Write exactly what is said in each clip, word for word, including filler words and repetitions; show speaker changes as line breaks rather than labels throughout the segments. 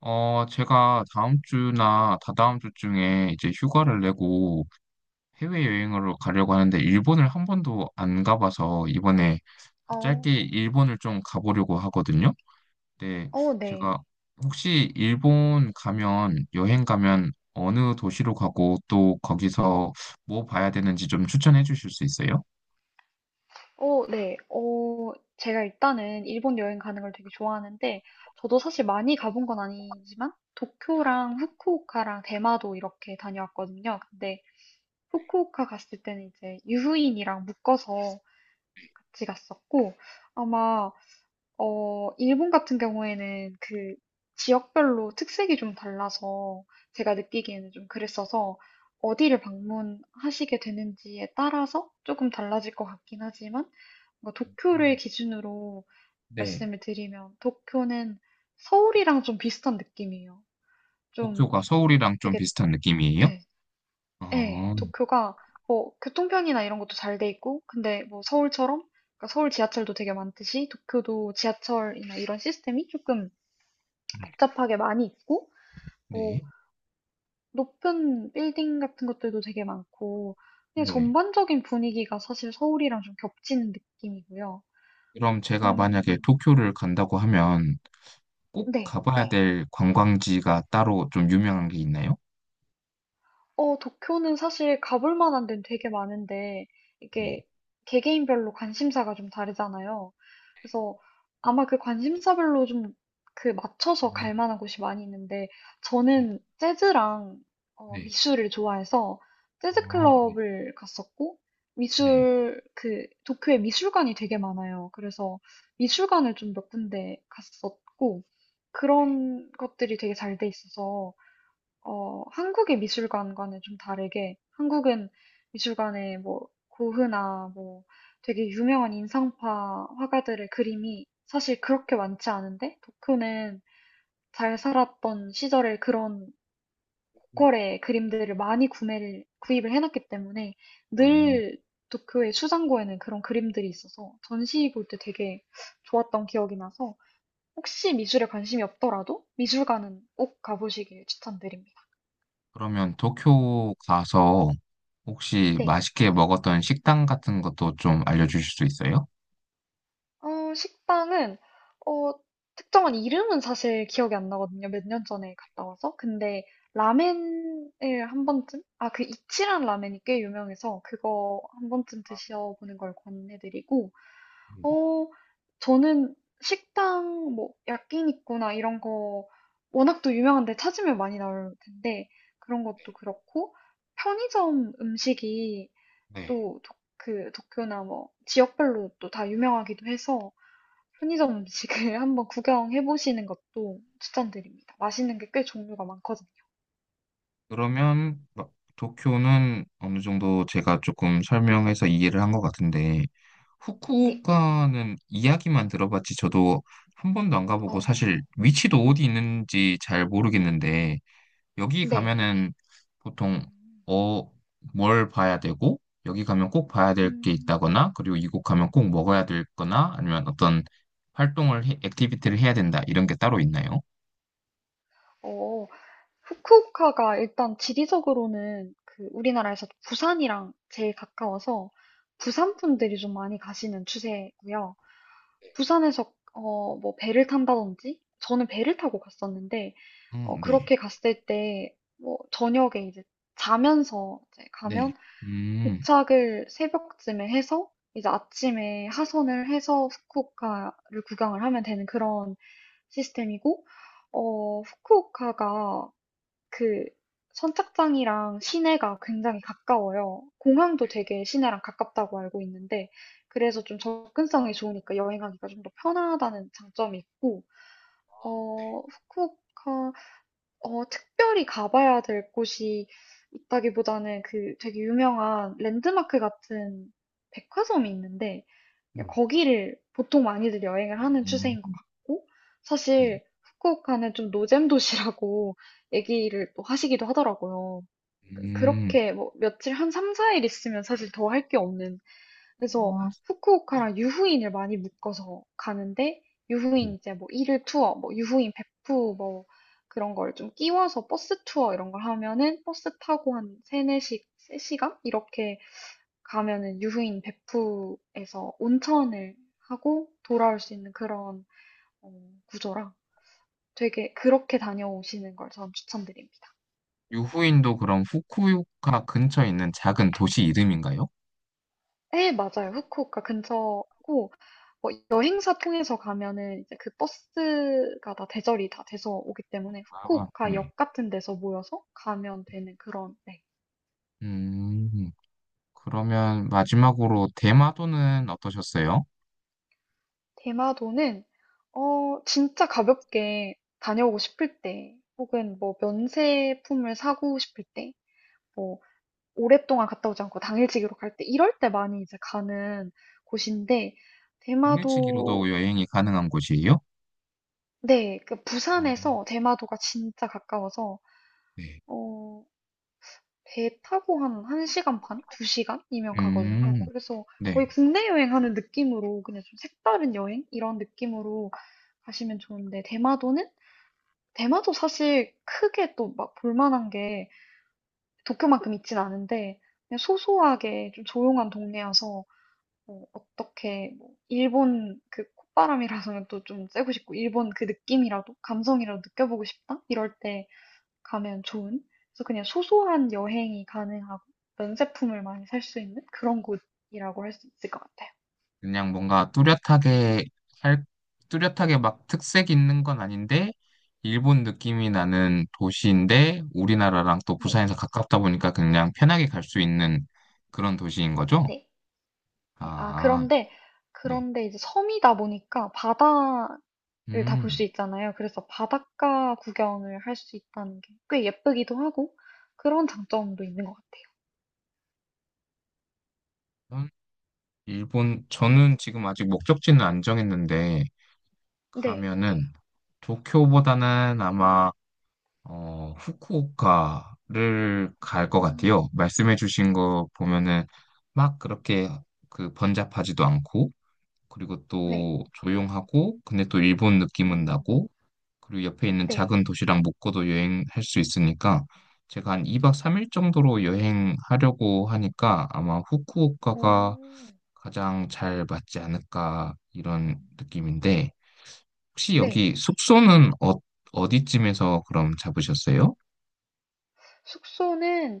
어, 제가 다음 주나 다다음 주쯤에 이제 휴가를 내고 해외여행으로 가려고 하는데, 일본을 한 번도 안 가봐서 이번에
어,
짧게 일본을 좀 가보려고 하거든요. 근데
어, 네.
제가 혹시 일본 가면, 여행 가면 어느 도시로 가고 또 거기서 뭐 봐야 되는지 좀 추천해 주실 수 있어요?
어, 네. 어, 제가 일단은 일본 여행 가는 걸 되게 좋아하는데, 저도 사실 많이 가본 건 아니지만, 도쿄랑 후쿠오카랑 대마도 이렇게 다녀왔거든요. 근데 후쿠오카 갔을 때는 이제 유후인이랑 묶어서 같이 갔었고, 아마 어, 일본 같은 경우에는 그 지역별로 특색이 좀 달라서 제가 느끼기에는 좀 그랬어서 어디를 방문하시게 되는지에 따라서 조금 달라질 것 같긴 하지만 뭔가 도쿄를
음.
기준으로
네.
말씀을 드리면 도쿄는 서울이랑 좀 비슷한 느낌이에요. 좀
도쿄가 서울이랑 좀
되게,
비슷한 느낌이에요?
예, 예,
어,
도쿄가 뭐 교통편이나 이런 것도 잘 돼 있고 근데 뭐 서울처럼 그러니까 서울 지하철도 되게 많듯이 도쿄도 지하철이나 이런 시스템이 조금 복잡하게 많이 있고, 뭐,
네.
높은 빌딩 같은 것들도 되게 많고, 그냥
네.
전반적인 분위기가 사실 서울이랑 좀 겹치는 느낌이고요.
그럼 제가 만약에
음,
도쿄를 간다고 하면 꼭
네.
가봐야, 네. 될 관광지가 따로 좀 유명한 게 있나요?
어, 도쿄는 사실 가볼 만한 데는 되게 많은데,
네.
이게 개개인별로 관심사가 좀 다르잖아요. 그래서 아마 그 관심사별로 좀 그 맞춰서 갈
음,
만한 곳이 많이 있는데,
네.
저는 재즈랑 어,
네.
미술을 좋아해서 재즈
어, 네.
클럽을 갔었고,
네.
미술, 그, 도쿄에 미술관이 되게 많아요. 그래서 미술관을 좀 몇 군데 갔었고, 그런 것들이 되게 잘 돼 있어서, 어, 한국의 미술관과는 좀 다르게, 한국은 미술관에 뭐, 고흐나 뭐, 되게 유명한 인상파 화가들의 그림이 사실 그렇게 많지 않은데, 도쿄는 잘 살았던 시절의 그런 고퀄의 그림들을 많이 구매를, 구입을 해놨기 때문에
아,
늘 도쿄의 수장고에는 그런 그림들이 있어서 전시 볼 때 되게 좋았던 기억이 나서 혹시 미술에 관심이 없더라도 미술관은 꼭 가보시길 추천드립니다.
그러면 도쿄 가서 혹시
네.
맛있게 먹었던 식당 같은 것도 좀 알려주실 수 있어요?
어, 식당은, 어, 특정한 이름은 사실 기억이 안 나거든요. 몇 년 전에 갔다 와서. 근데 라멘을 한 번쯤? 아, 그 이치란 라멘이 꽤 유명해서 그거 한 번쯤 드셔보는 걸 권해드리고,
음,
어, 저는 식당, 뭐, 야끼니쿠나 이런 거 워낙 또 유명한데 찾으면 많이 나올 텐데, 그런 것도 그렇고, 편의점 음식이
네.
또 도- 그 도쿄나 뭐 지역별로 또 다 유명하기도 해서 편의점 음식을 한번 구경해 보시는 것도 추천드립니다. 맛있는 게 꽤 종류가 많거든요.
그러면 막 도쿄는 어느 정도 제가 조금 설명해서 이해를 한 것 같은데,
네.
후쿠오카는 이야기만 들어봤지 저도 한 번도 안 가보고 사실
어,
위치도 어디 있는지 잘 모르겠는데, 여기
네.
가면은 보통
음.
어, 뭘 봐야 되고 여기 가면 꼭 봐야 될 게
음.
있다거나, 그리고 이곳 가면 꼭 먹어야 될 거나, 아니면 어떤 활동을 해- 액티비티를 해야 된다, 이런 게 따로 있나요?
어, 후쿠오카가 일단 지리적으로는 그 우리나라에서 부산이랑 제일 가까워서 부산 분들이 좀 많이 가시는 추세고요. 부산에서 어, 뭐 배를 탄다든지 저는 배를 타고 갔었는데
어,
어,
네.
그렇게 갔을 때 뭐 저녁에 이제 자면서 이제
네.
가면
음.
도착을 새벽쯤에 해서 이제 아침에 하선을 해서 후쿠오카를 구경을 하면 되는 그런 시스템이고, 어, 후쿠오카가 그 선착장이랑 시내가 굉장히 가까워요. 공항도 되게 시내랑 가깝다고 알고 있는데, 그래서 좀 접근성이 좋으니까 여행하기가 좀 더 편하다는 장점이 있고, 어, 후쿠오카 어, 특별히 가봐야 될 곳이 있다기보다는 그 되게 유명한 랜드마크 같은 백화점이 있는데 그냥 거기를 보통 많이들 여행을 하는 추세인 것
음.
같고
네.
사실 후쿠오카는 좀 노잼 도시라고 얘기를 또 하시기도 하더라고요.
음.
그렇게 뭐 며칠 한 삼, 사 일 있으면 사실 더 할 게 없는 그래서
어, 네.
후쿠오카랑 유후인을 많이 묶어서 가는데 유후인 이제 뭐 일일 투어, 뭐 유후인 베프 뭐 그런 걸 좀 끼워서 버스 투어 이런 걸 하면은 버스 타고 한 삼, 네시 세 시간 이렇게 가면은 유후인 베프에서 온천을 하고 돌아올 수 있는 그런 어, 구조라 되게 그렇게 다녀오시는 걸 저는 추천드립니다.
유후인도 그럼 후쿠오카 근처에 있는 작은 도시 이름인가요?
예, 맞아요. 후쿠오카 근처고 뭐 여행사 통해서 가면은 이제 그 버스가 다 대절이 다 돼서 오기 때문에
아,
후쿠오카
네.
역 같은 데서 모여서 가면 되는 그런 네.
음, 그러면 마지막으로 대마도는 어떠셨어요?
대마도는 어 진짜 가볍게 다녀오고 싶을 때 혹은 뭐 면세품을 사고 싶을 때 뭐 오랫동안 갔다 오지 않고 당일치기로 갈 때 이럴 때 많이 이제 가는 곳인데
당일치기로도
대마도
여행이 가능한 곳이에요?
네, 그
아,
부산에서 대마도가 진짜 가까워서
네.
어, 배 타고 한 1시간 반? 두 시간이면 가거든요.
음,
그래서
네.
거의 국내 여행하는 느낌으로 그냥 좀 색다른 여행? 이런 느낌으로 가시면 좋은데, 대마도는? 대마도 사실 크게 또 막 볼만한 게 도쿄만큼 있진 않은데, 그냥 소소하게 좀 조용한 동네여서, 뭐 어떻게, 뭐 일본 그 콧바람이라서는 또 좀 쐬고 싶고, 일본 그 느낌이라도, 감성이라도 느껴보고 싶다? 이럴 때 가면 좋은 그래서 그냥 소소한 여행이 가능하고 면제품을 많이 살 수 있는 그런 곳이라고 할 수 있을 것 같아요.
그냥 뭔가 뚜렷하게 할, 뚜렷하게 막 특색 있는 건 아닌데, 일본 느낌이 나는 도시인데, 우리나라랑 또
네,
부산에서 가깝다 보니까 그냥 편하게 갈 수 있는 그런 도시인 거죠?
네. 네, 아,
아,
그런데,
네.
그런데 이제 섬이다 보니까 바다를 다 볼 수
음.
있잖아요. 그래서 바닷가 구경을 할 수 있다는 게 꽤 예쁘기도 하고 그런 장점도 있는 것 같아요.
음, 일본, 저는 지금 아직 목적지는 안 정했는데,
네,
가면은 도쿄보다는 아마, 어, 후쿠오카를 갈 것
음,
같아요. 말씀해주신 거 보면은 막 그렇게 그 번잡하지도 않고, 그리고
네,
또 조용하고, 근데 또 일본 느낌은
음,
나고, 그리고 옆에 있는
네,
작은 도시랑 묶어도 여행할 수 있으니까, 제가 한 이 박 삼 일 정도로 여행하려고 하니까 아마 후쿠오카가
오,
가장 잘 맞지 않을까 이런 느낌인데, 혹시 음.
네.
여기 숙소는 어, 어디쯤에서 그럼 잡으셨어요?
숙소는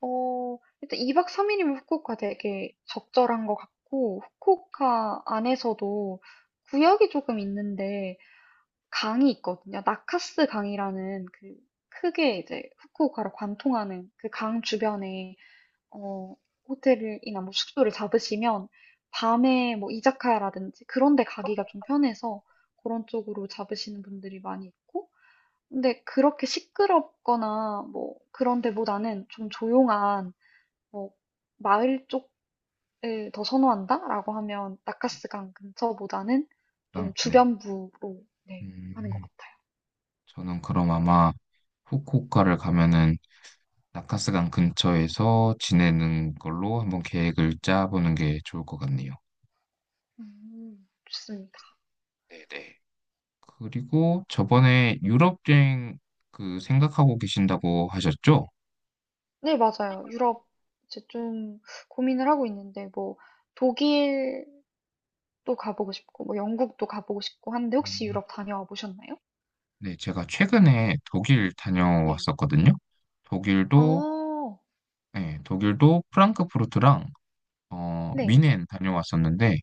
어, 일단 이 박 삼 일이면 후쿠오카 되게 적절한 것 같고 후쿠오카 안에서도 구역이 조금 있는데 강이 있거든요. 나카스 강이라는 그 크게 이제 후쿠오카를 관통하는 그 강 주변에 어, 호텔이나 뭐 숙소를 잡으시면 밤에 뭐 이자카야라든지 그런 데 가기가 좀 편해서 그런 쪽으로 잡으시는 분들이 많이 있고 근데 그렇게 시끄럽거나 뭐 그런 데보다는 좀 조용한 뭐 마을 쪽을 더 선호한다라고 하면
네.
나카스강 근처보다는 좀
땅, 네.
주변부로 네, 하는 것
음,
같아요.
저는 그럼 아마 후쿠오카를 가면은 나카스강 근처에서 지내는 걸로 한번 계획을 짜보는 게 좋을 것 같네요.
음, 좋습니다.
네네. 그리고 저번에 유럽 여행 그 생각하고 계신다고 하셨죠?
네, 맞아요. 유럽 이제 좀 고민을 하고 있는데 뭐 독일도 가보고 싶고 뭐 영국도 가보고 싶고 하는데 혹시
음,
유럽 다녀와 보셨나요?
네, 제가 최근에 독일
네.
다녀왔었거든요. 독일도
어,
네, 독일도 프랑크푸르트랑 어, 뮌
네.
넨 다녀왔었는데,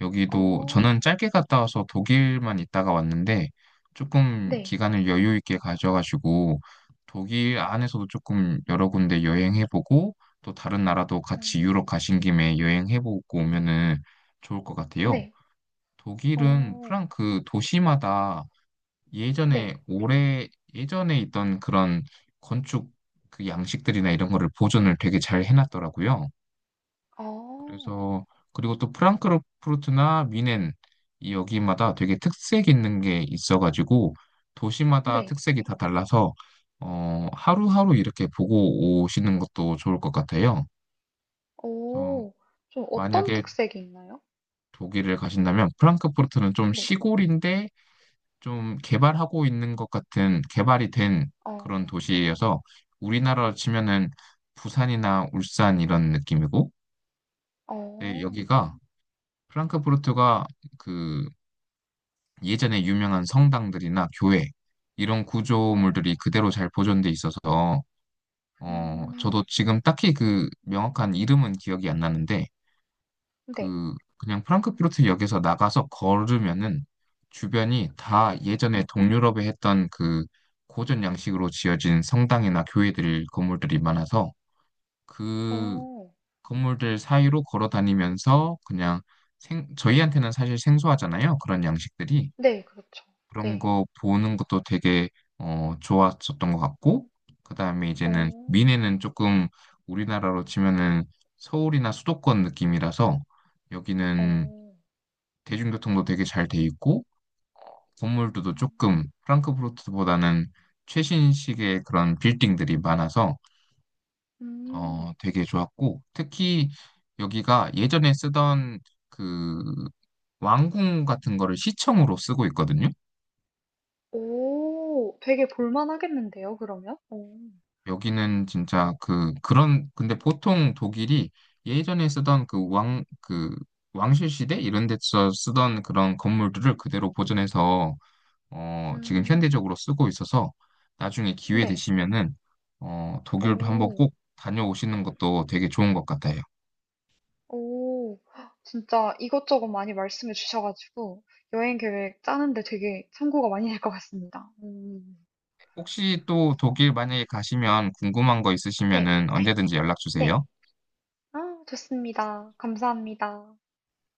여기도 저는
어,
짧게 갔다 와서 독일만 있다가 왔는데, 조금
네.
기간을 여유 있게 가져가지고 독일 안에서도 조금 여러 군데 여행해보고 또 다른 나라도 같이 유럽
음,
가신 김에 여행해보고 오면은 좋을 것 같아요.
네.
독일은
어,
프랑크 도시마다
네.
예전에 올해 예전에 있던 그런 건축 그 양식들이나 이런 거를 보존을 되게 잘 해놨더라고요.
어
그래서 그리고 또 프랑크푸르트나 미넨, 이 여기마다 되게 특색 있는 게 있어가지고 도시마다
네.
특색이 다 달라서 어, 하루하루 이렇게 보고 오시는 것도 좋을 것 같아요. 어,
오, 좀 어떤
만약에
특색이 있나요?
독일을 가신다면 프랑크푸르트는 좀
네.
시골인데 좀 개발하고 있는 것 같은, 개발이 된
어,
그런 도시여서 우리나라로 치면은 부산이나 울산 이런 느낌이고, 네,
어,
여기가 프랑크푸르트가 그 예전에 유명한 성당들이나 교회, 이런 구조물들이
어,
그대로 잘 보존돼 있어서, 어 저도
음,
지금 딱히 그 명확한 이름은 기억이 안 나는데,
네.
그 그냥 프랑크푸르트 역에서 나가서 걸으면은 주변이
어,
다 예전에 동유럽에 했던 그 고전 양식으로 지어진 성당이나 교회들, 건물들이 많아서 그
어,
건물들 사이로 걸어 다니면서 그냥 생, 저희한테는 사실 생소하잖아요, 그런 양식들이.
네, 그렇죠.
그런
네.
거 보는 것도 되게 어, 좋았었던 것 같고, 그 다음에 이제는
어,
미네는 조금 우리나라로 치면은 서울이나 수도권 느낌이라서 여기는
어,
대중교통도 되게 잘 돼 있고, 건물들도
음,
조금 프랑크푸르트보다는 최신식의 그런 빌딩들이 많아서 어,
음.
되게 좋았고, 특히 여기가 예전에 쓰던 그 왕궁 같은 거를 시청으로 쓰고 있거든요.
오, 되게 볼만하겠는데요, 그러면? 오,
여기는 진짜 그 그런, 근데 보통 독일이 예전에 쓰던 그 왕 그 왕실 시대 이런 데서 쓰던 그런 건물들을 그대로 보존해서 어 지금
음,
현대적으로 쓰고 있어서 나중에 기회
네.
되시면은 어 독일도 한번
오.
꼭 다녀오시는 것도 되게 좋은 것 같아요.
오, 진짜 이것저것 많이 말씀해 주셔가지고 여행 계획 짜는데 되게 참고가 많이 될 것 같습니다. 음.
혹시 또 독일 만약에 가시면 궁금한 거
네,
있으시면은 언제든지 연락
네.
주세요.
아, 좋습니다. 감사합니다.